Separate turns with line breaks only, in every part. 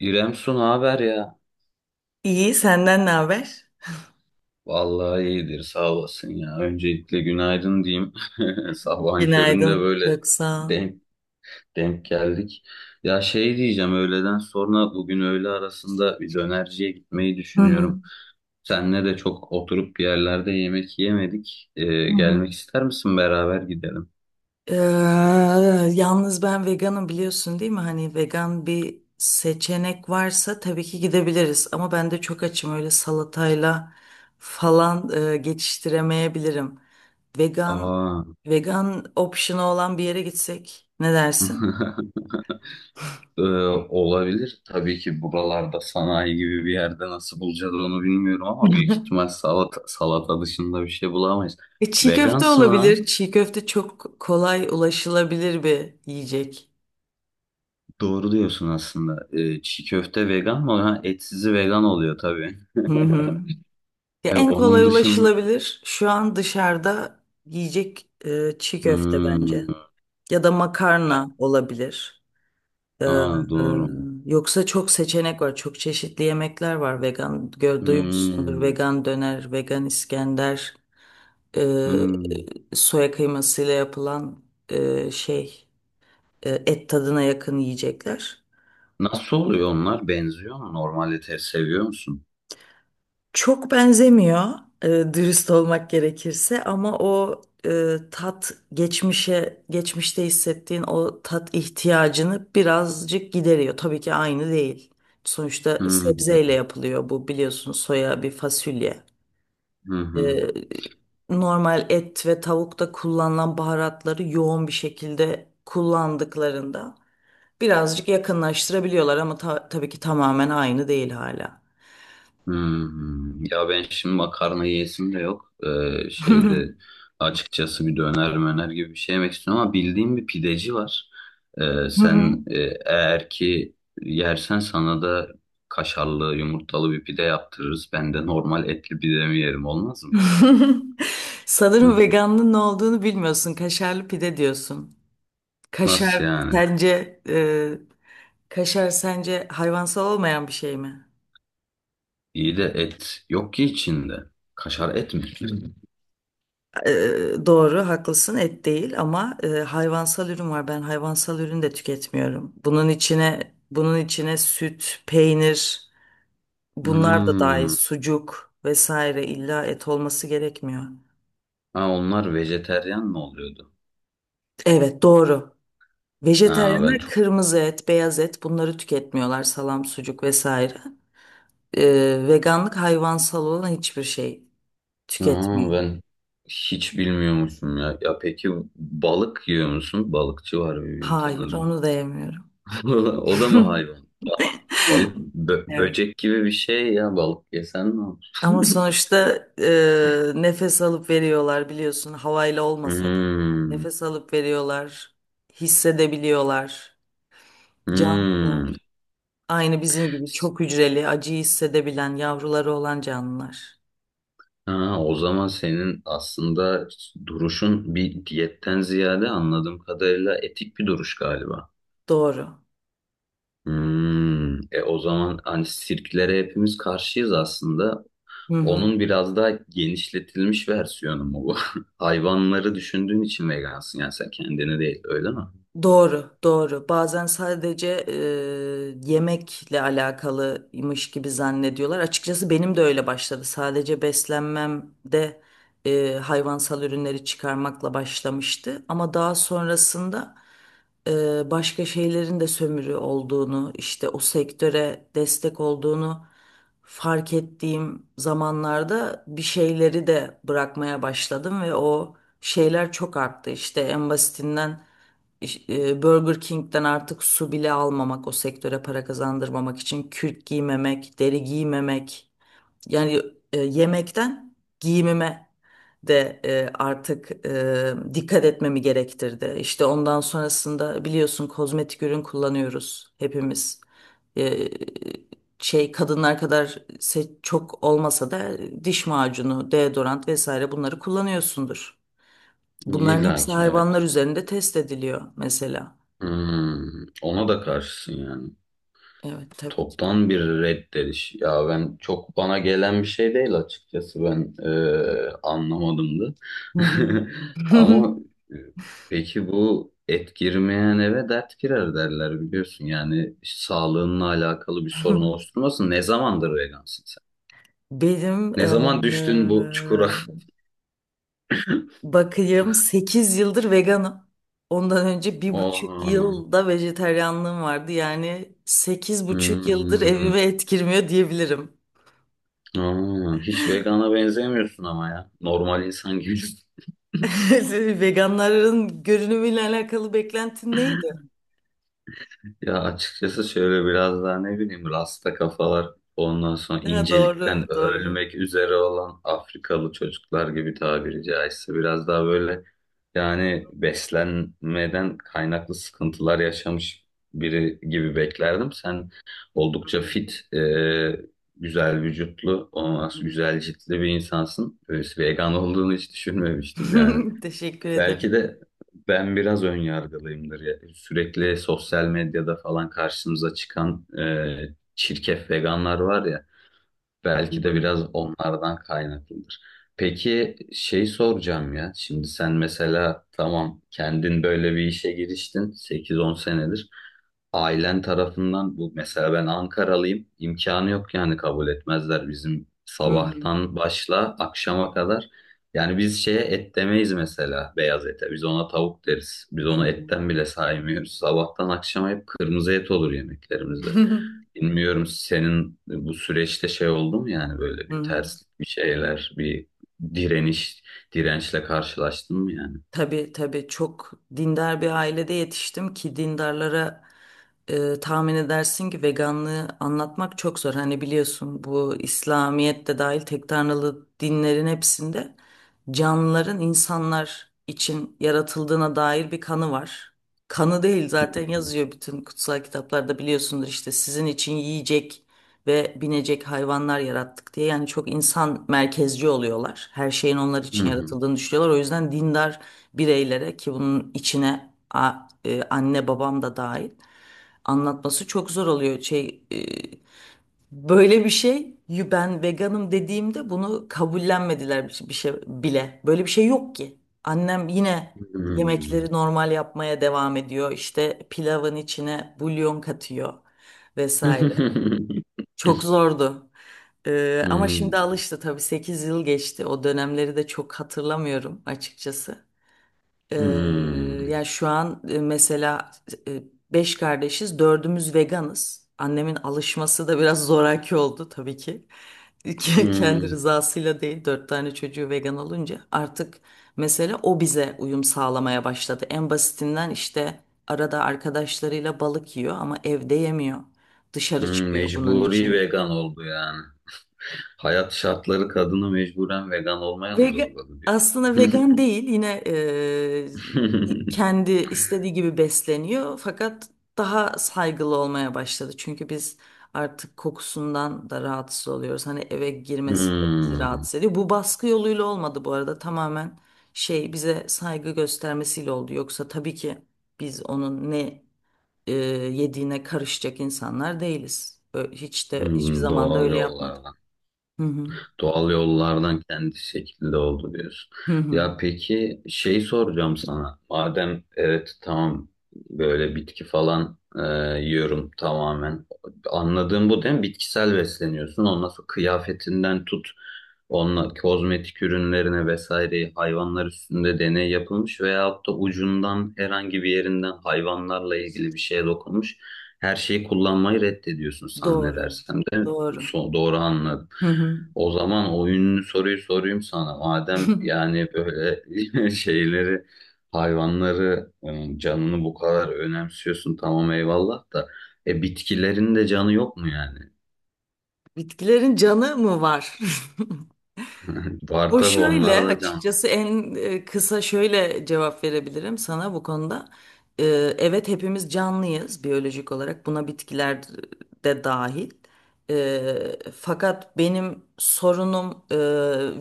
İrem Su ne haber ya?
İyi, senden ne haber?
Vallahi iyidir sağ olasın ya. Öncelikle günaydın diyeyim. Sabahın köründe
Günaydın,
böyle
çok sağ ol.
denk, denk geldik. Ya şey diyeceğim öğleden sonra bugün öğle arasında bir dönerciye gitmeyi
Hı hı,
düşünüyorum. Senle de çok oturup bir yerlerde yemek yemedik.
hı hı.
Gelmek ister misin beraber gidelim?
Ee, Yalnız ben veganım, biliyorsun değil mi? Hani vegan bir seçenek varsa tabii ki gidebiliriz. Ama ben de çok açım, öyle salatayla falan geçiştiremeyebilirim. Vegan
Aa.
vegan option'ı olan bir yere gitsek ne dersin?
Ee, Olabilir. Tabii ki buralarda sanayi gibi bir yerde nasıl bulacağız onu bilmiyorum ama büyük ihtimal salata dışında bir şey bulamayız.
Çiğ köfte
Vegansın ha?
olabilir. Çiğ köfte çok kolay ulaşılabilir bir yiyecek.
Doğru diyorsun aslında. Çiğ köfte vegan mı? Ha, etsizi vegan oluyor tabii.
Hı hı. Ya en kolay
Onun dışın
ulaşılabilir şu an dışarıda yiyecek çiğ köfte
Hmm,
bence. Ya da makarna olabilir. Ee, e,
aa, doğru.
Yoksa çok seçenek var. Çok çeşitli yemekler var. Vegan duymuşsundur.
Hmm,
Vegan döner, vegan İskender, e,
hmm.
soya kıymasıyla yapılan şey et tadına yakın yiyecekler.
Nasıl oluyor onlar? Benziyor mu? Normal ete seviyor musun?
Çok benzemiyor dürüst olmak gerekirse, ama o tat, geçmişte hissettiğin o tat ihtiyacını birazcık gideriyor. Tabii ki aynı değil. Sonuçta
Hmm,
sebzeyle yapılıyor, bu biliyorsun, soya bir fasulye.
hı
E,
hı.
Normal et ve tavukta kullanılan baharatları yoğun bir şekilde kullandıklarında birazcık yakınlaştırabiliyorlar, ama tabii ki tamamen aynı değil hala.
Hmm, ya ben şimdi makarna yiyesim de yok. Şeyde açıkçası bir döner möner gibi bir şey yemek istiyorum ama bildiğim bir pideci var. Ee,
Hı hı.
sen e, eğer ki yersen sana da kaşarlı yumurtalı bir pide yaptırırız. Ben de normal etli pidemi yerim olmaz mı? Hı.
Sanırım veganlığın ne olduğunu bilmiyorsun. Kaşarlı pide diyorsun. Kaşar
Nasıl yani?
sence e, kaşar sence hayvansal olmayan bir şey mi?
İyi de et yok ki içinde. Kaşar et mi? Hı.
E, doğru, haklısın. Et değil, ama hayvansal ürün var. Ben hayvansal ürün de tüketmiyorum. Bunun içine süt, peynir, bunlar da dahil,
Hmm.
sucuk vesaire, illa et olması gerekmiyor.
Ha, onlar vejeteryan mı oluyordu?
Evet, doğru.
Ha, ben
Vejetaryenler
çok
kırmızı et, beyaz et bunları tüketmiyorlar. Salam, sucuk vesaire. Veganlık hayvansal olan hiçbir şey
Aa,
tüketmiyor.
ben hiç bilmiyormuşum ya. Ya peki balık yiyor musun? Balıkçı var birbirini
Hayır,
tanıdım.
onu da yemiyorum.
O da mı hayvan? Balık
Evet.
böcek gibi bir şey ya. Balık yesen ne olur?
Ama sonuçta nefes alıp veriyorlar, biliyorsun, havayla olmasa da.
Hmm,
Nefes alıp veriyorlar, hissedebiliyorlar.
hmm.
Canlılar. Aynı bizim gibi çok hücreli, acıyı hissedebilen, yavruları olan canlılar.
Ha, o zaman senin aslında duruşun bir diyetten ziyade anladığım kadarıyla etik bir duruş galiba.
Doğru.
Hmm. E o zaman hani sirklere hepimiz karşıyız aslında.
Hı hı.
Onun biraz daha genişletilmiş versiyonu mu bu? Hayvanları düşündüğün için vegansın yani sen kendini değil öyle mi?
Doğru, doğru. Bazen sadece yemekle alakalıymış gibi zannediyorlar. Açıkçası benim de öyle başladı. Sadece beslenmemde hayvansal ürünleri çıkarmakla başlamıştı. Ama daha sonrasında başka şeylerin de sömürü olduğunu, işte o sektöre destek olduğunu fark ettiğim zamanlarda bir şeyleri de bırakmaya başladım ve o şeyler çok arttı. İşte en basitinden Burger King'den artık su bile almamak, o sektöre para kazandırmamak için kürk giymemek, deri giymemek. Yani yemekten giyimime de artık dikkat etmemi gerektirdi. İşte ondan sonrasında biliyorsun kozmetik ürün kullanıyoruz hepimiz. E, Şey, kadınlar kadar çok olmasa da, diş macunu, deodorant vesaire bunları kullanıyorsundur. Bunların
İlla
hepsi
ki evet.
hayvanlar üzerinde test ediliyor mesela.
Hmm, ona da karşısın yani.
Evet tabii ki.
Toptan bir reddediş. Ya ben çok bana gelen bir şey değil açıkçası ben anlamadım da.
Hı hı.
Ama e, peki bu et girmeyen eve dert girer derler biliyorsun. Yani sağlığınla alakalı bir sorun oluşturmasın. Ne zamandır vegansın?
Benim
Ne zaman düştün bu çukura?
Bakayım, 8 yıldır veganım. Ondan önce bir buçuk
Aa,
yılda vejetaryenliğim vardı. Yani 8,5 yıldır
hmm,
evime et girmiyor diyebilirim.
aa, hiç vegana benzemiyorsun ama ya. Normal insan gibisin.
Veganların görünümüyle alakalı beklentin neydi?
Ya açıkçası şöyle biraz daha ne bileyim rasta kafalar ondan sonra
Ha, doğru,
incelikten
doğru.
ölmek üzere olan Afrikalı çocuklar gibi tabiri caizse biraz daha böyle yani beslenmeden kaynaklı sıkıntılar yaşamış biri gibi beklerdim. Sen
Hı
oldukça
hı,
fit, güzel vücutlu,
hı
ondan sonra
hı.
güzel ciltli bir insansın. Böyle vegan olduğunu hiç düşünmemiştim yani.
Teşekkür
Belki
ederim.
de ben biraz ön yargılıyımdır ya. Sürekli sosyal medyada falan karşımıza çıkan çirkef veganlar var ya.
Hı
Belki de
hı,
biraz onlardan kaynaklıdır. Peki şey soracağım ya. Şimdi sen mesela tamam kendin böyle bir işe giriştin sekiz on senedir. Ailen tarafından bu mesela ben Ankaralıyım. İmkanı yok yani kabul etmezler bizim
hı hı,
sabahtan başla akşama kadar. Yani biz şeye et demeyiz mesela beyaz ete. Biz ona tavuk deriz. Biz
hı
onu etten bile saymıyoruz. Sabahtan akşama hep kırmızı et olur yemeklerimizde.
hı.
Bilmiyorum senin bu süreçte şey oldu mu yani böyle
Hı
bir
hı.
terslik bir şeyler bir direniş dirençle karşılaştın mı yani?
Tabii tabii, çok dindar bir ailede yetiştim ki dindarlara tahmin edersin ki veganlığı anlatmak çok zor. Hani biliyorsun, bu, İslamiyet de dahil, tek tanrılı dinlerin hepsinde canlıların insanlar için yaratıldığına dair bir kanı var. Kanı değil,
Hı
zaten yazıyor bütün kutsal kitaplarda, biliyorsundur, işte sizin için yiyecek ve binecek hayvanlar yarattık diye. Yani çok insan merkezci oluyorlar. Her şeyin onlar için
hı.
yaratıldığını düşünüyorlar. O yüzden dindar bireylere, ki bunun içine anne babam da dahil, anlatması çok zor oluyor. Şey, böyle bir şey, "Yu, ben veganım" dediğimde bunu kabullenmediler bir şey, bir şey bile. Böyle bir şey yok ki. Annem yine
Hı hı.
yemekleri normal yapmaya devam ediyor. İşte pilavın içine bulyon katıyor
Hı.
vesaire. Çok zordu. Ama
Hmm,
şimdi alıştı tabii, 8 yıl geçti. O dönemleri de çok hatırlamıyorum açıkçası. Ee,
hmm,
Ya şu an mesela e, beş kardeşiz, dördümüz veganız. Annemin alışması da biraz zoraki oldu tabii ki. Kendi
hmm,
rızasıyla değil, dört tane çocuğu vegan olunca artık mesela o bize uyum sağlamaya başladı. En basitinden işte arada arkadaşlarıyla balık yiyor ama evde yemiyor. Dışarı
hmm.
çıkıyor bunun
Mecburi
için.
vegan oldu yani. Hayat şartları kadını mecburen vegan olmaya mı
Vegan,
zorladı diyor.
aslında vegan değil yine, kendi istediği gibi besleniyor, fakat daha saygılı olmaya başladı. Çünkü biz artık kokusundan da rahatsız oluyoruz. Hani eve girmesi de bizi
Hmm,
rahatsız ediyor. Bu baskı yoluyla olmadı bu arada, tamamen şey, bize saygı göstermesiyle oldu. Yoksa tabii ki biz onun ne e, yediğine karışacak insanlar değiliz. Hiç de hiçbir
hmm,
zaman da
doğal
öyle yapmadık.
yollardan.
Hı hı.
Doğal yollardan kendi şekilde oldu diyorsun.
Hı
Ya
hı.
peki şey soracağım sana. Madem evet tamam böyle bitki falan yiyorum tamamen. Anladığım bu değil mi? Bitkisel besleniyorsun. Ondan sonra kıyafetinden tut. Onunla kozmetik ürünlerine vesaire hayvanlar üstünde deney yapılmış veyahut da ucundan herhangi bir yerinden hayvanlarla ilgili bir şeye dokunmuş. Her şeyi kullanmayı reddediyorsun sen ne
Doğru.
dersem de
Doğru.
doğru anladım.
Hı hı.
O zaman oyunlu soruyu sorayım sana. Madem yani böyle şeyleri, hayvanları, canını bu kadar önemsiyorsun tamam eyvallah da. E bitkilerin de canı yok mu yani?
Bitkilerin canı mı var?
Var
O
tabii onlara
şöyle,
da can.
açıkçası en kısa şöyle cevap verebilirim sana bu konuda. Ee, Evet, hepimiz canlıyız biyolojik olarak, buna bitkiler de dahil. Fakat benim sorunum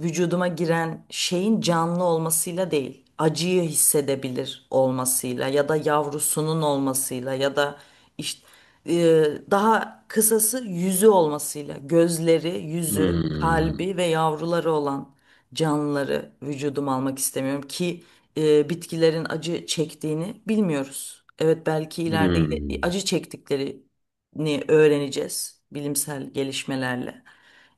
vücuduma giren şeyin canlı olmasıyla değil, acıyı hissedebilir olmasıyla ya da yavrusunun olmasıyla ya da işte e, daha kısası, yüzü olmasıyla. Gözleri, yüzü,
Hmm,
kalbi ve yavruları olan canlıları vücuduma almak istemiyorum, ki bitkilerin acı çektiğini bilmiyoruz. Evet, belki ileride
hmm,
acı çektiklerini öğreneceğiz bilimsel gelişmelerle.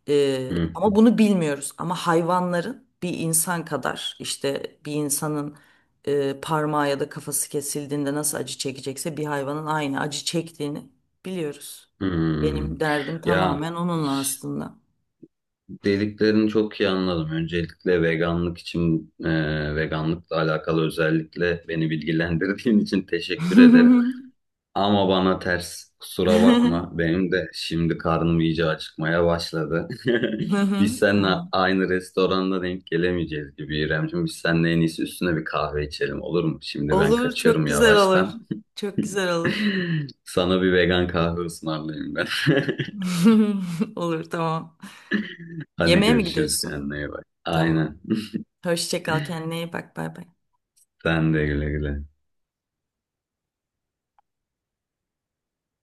Ama
hmm,
bunu bilmiyoruz. Ama hayvanların, bir insan kadar, işte bir insanın parmağı ya da kafası kesildiğinde nasıl acı çekecekse, bir hayvanın aynı acı çektiğini biliyoruz. Benim
hmm.
derdim
Ya
tamamen onunla aslında.
dediklerini çok iyi anladım. Öncelikle veganlık için, veganlıkla alakalı özellikle beni bilgilendirdiğin için teşekkür ederim. Ama bana ters. Kusura bakma. Benim de şimdi karnım iyice acıkmaya başladı. Biz seninle
Tamam.
aynı restoranda denk gelemeyeceğiz gibi İremciğim. Biz seninle en iyisi üstüne bir kahve içelim olur mu? Şimdi ben
Olur,
kaçıyorum
çok güzel olur.
yavaştan.
Çok güzel olur.
Sana bir vegan kahve ısmarlayayım ben.
Olur, tamam.
Hadi
Yemeğe mi
görüşürüz
gidiyorsun?
kendine iyi bak.
Tamam.
Aynen.
Hoşça kal, kendine iyi bak, bay bay.
Sen de güle güle.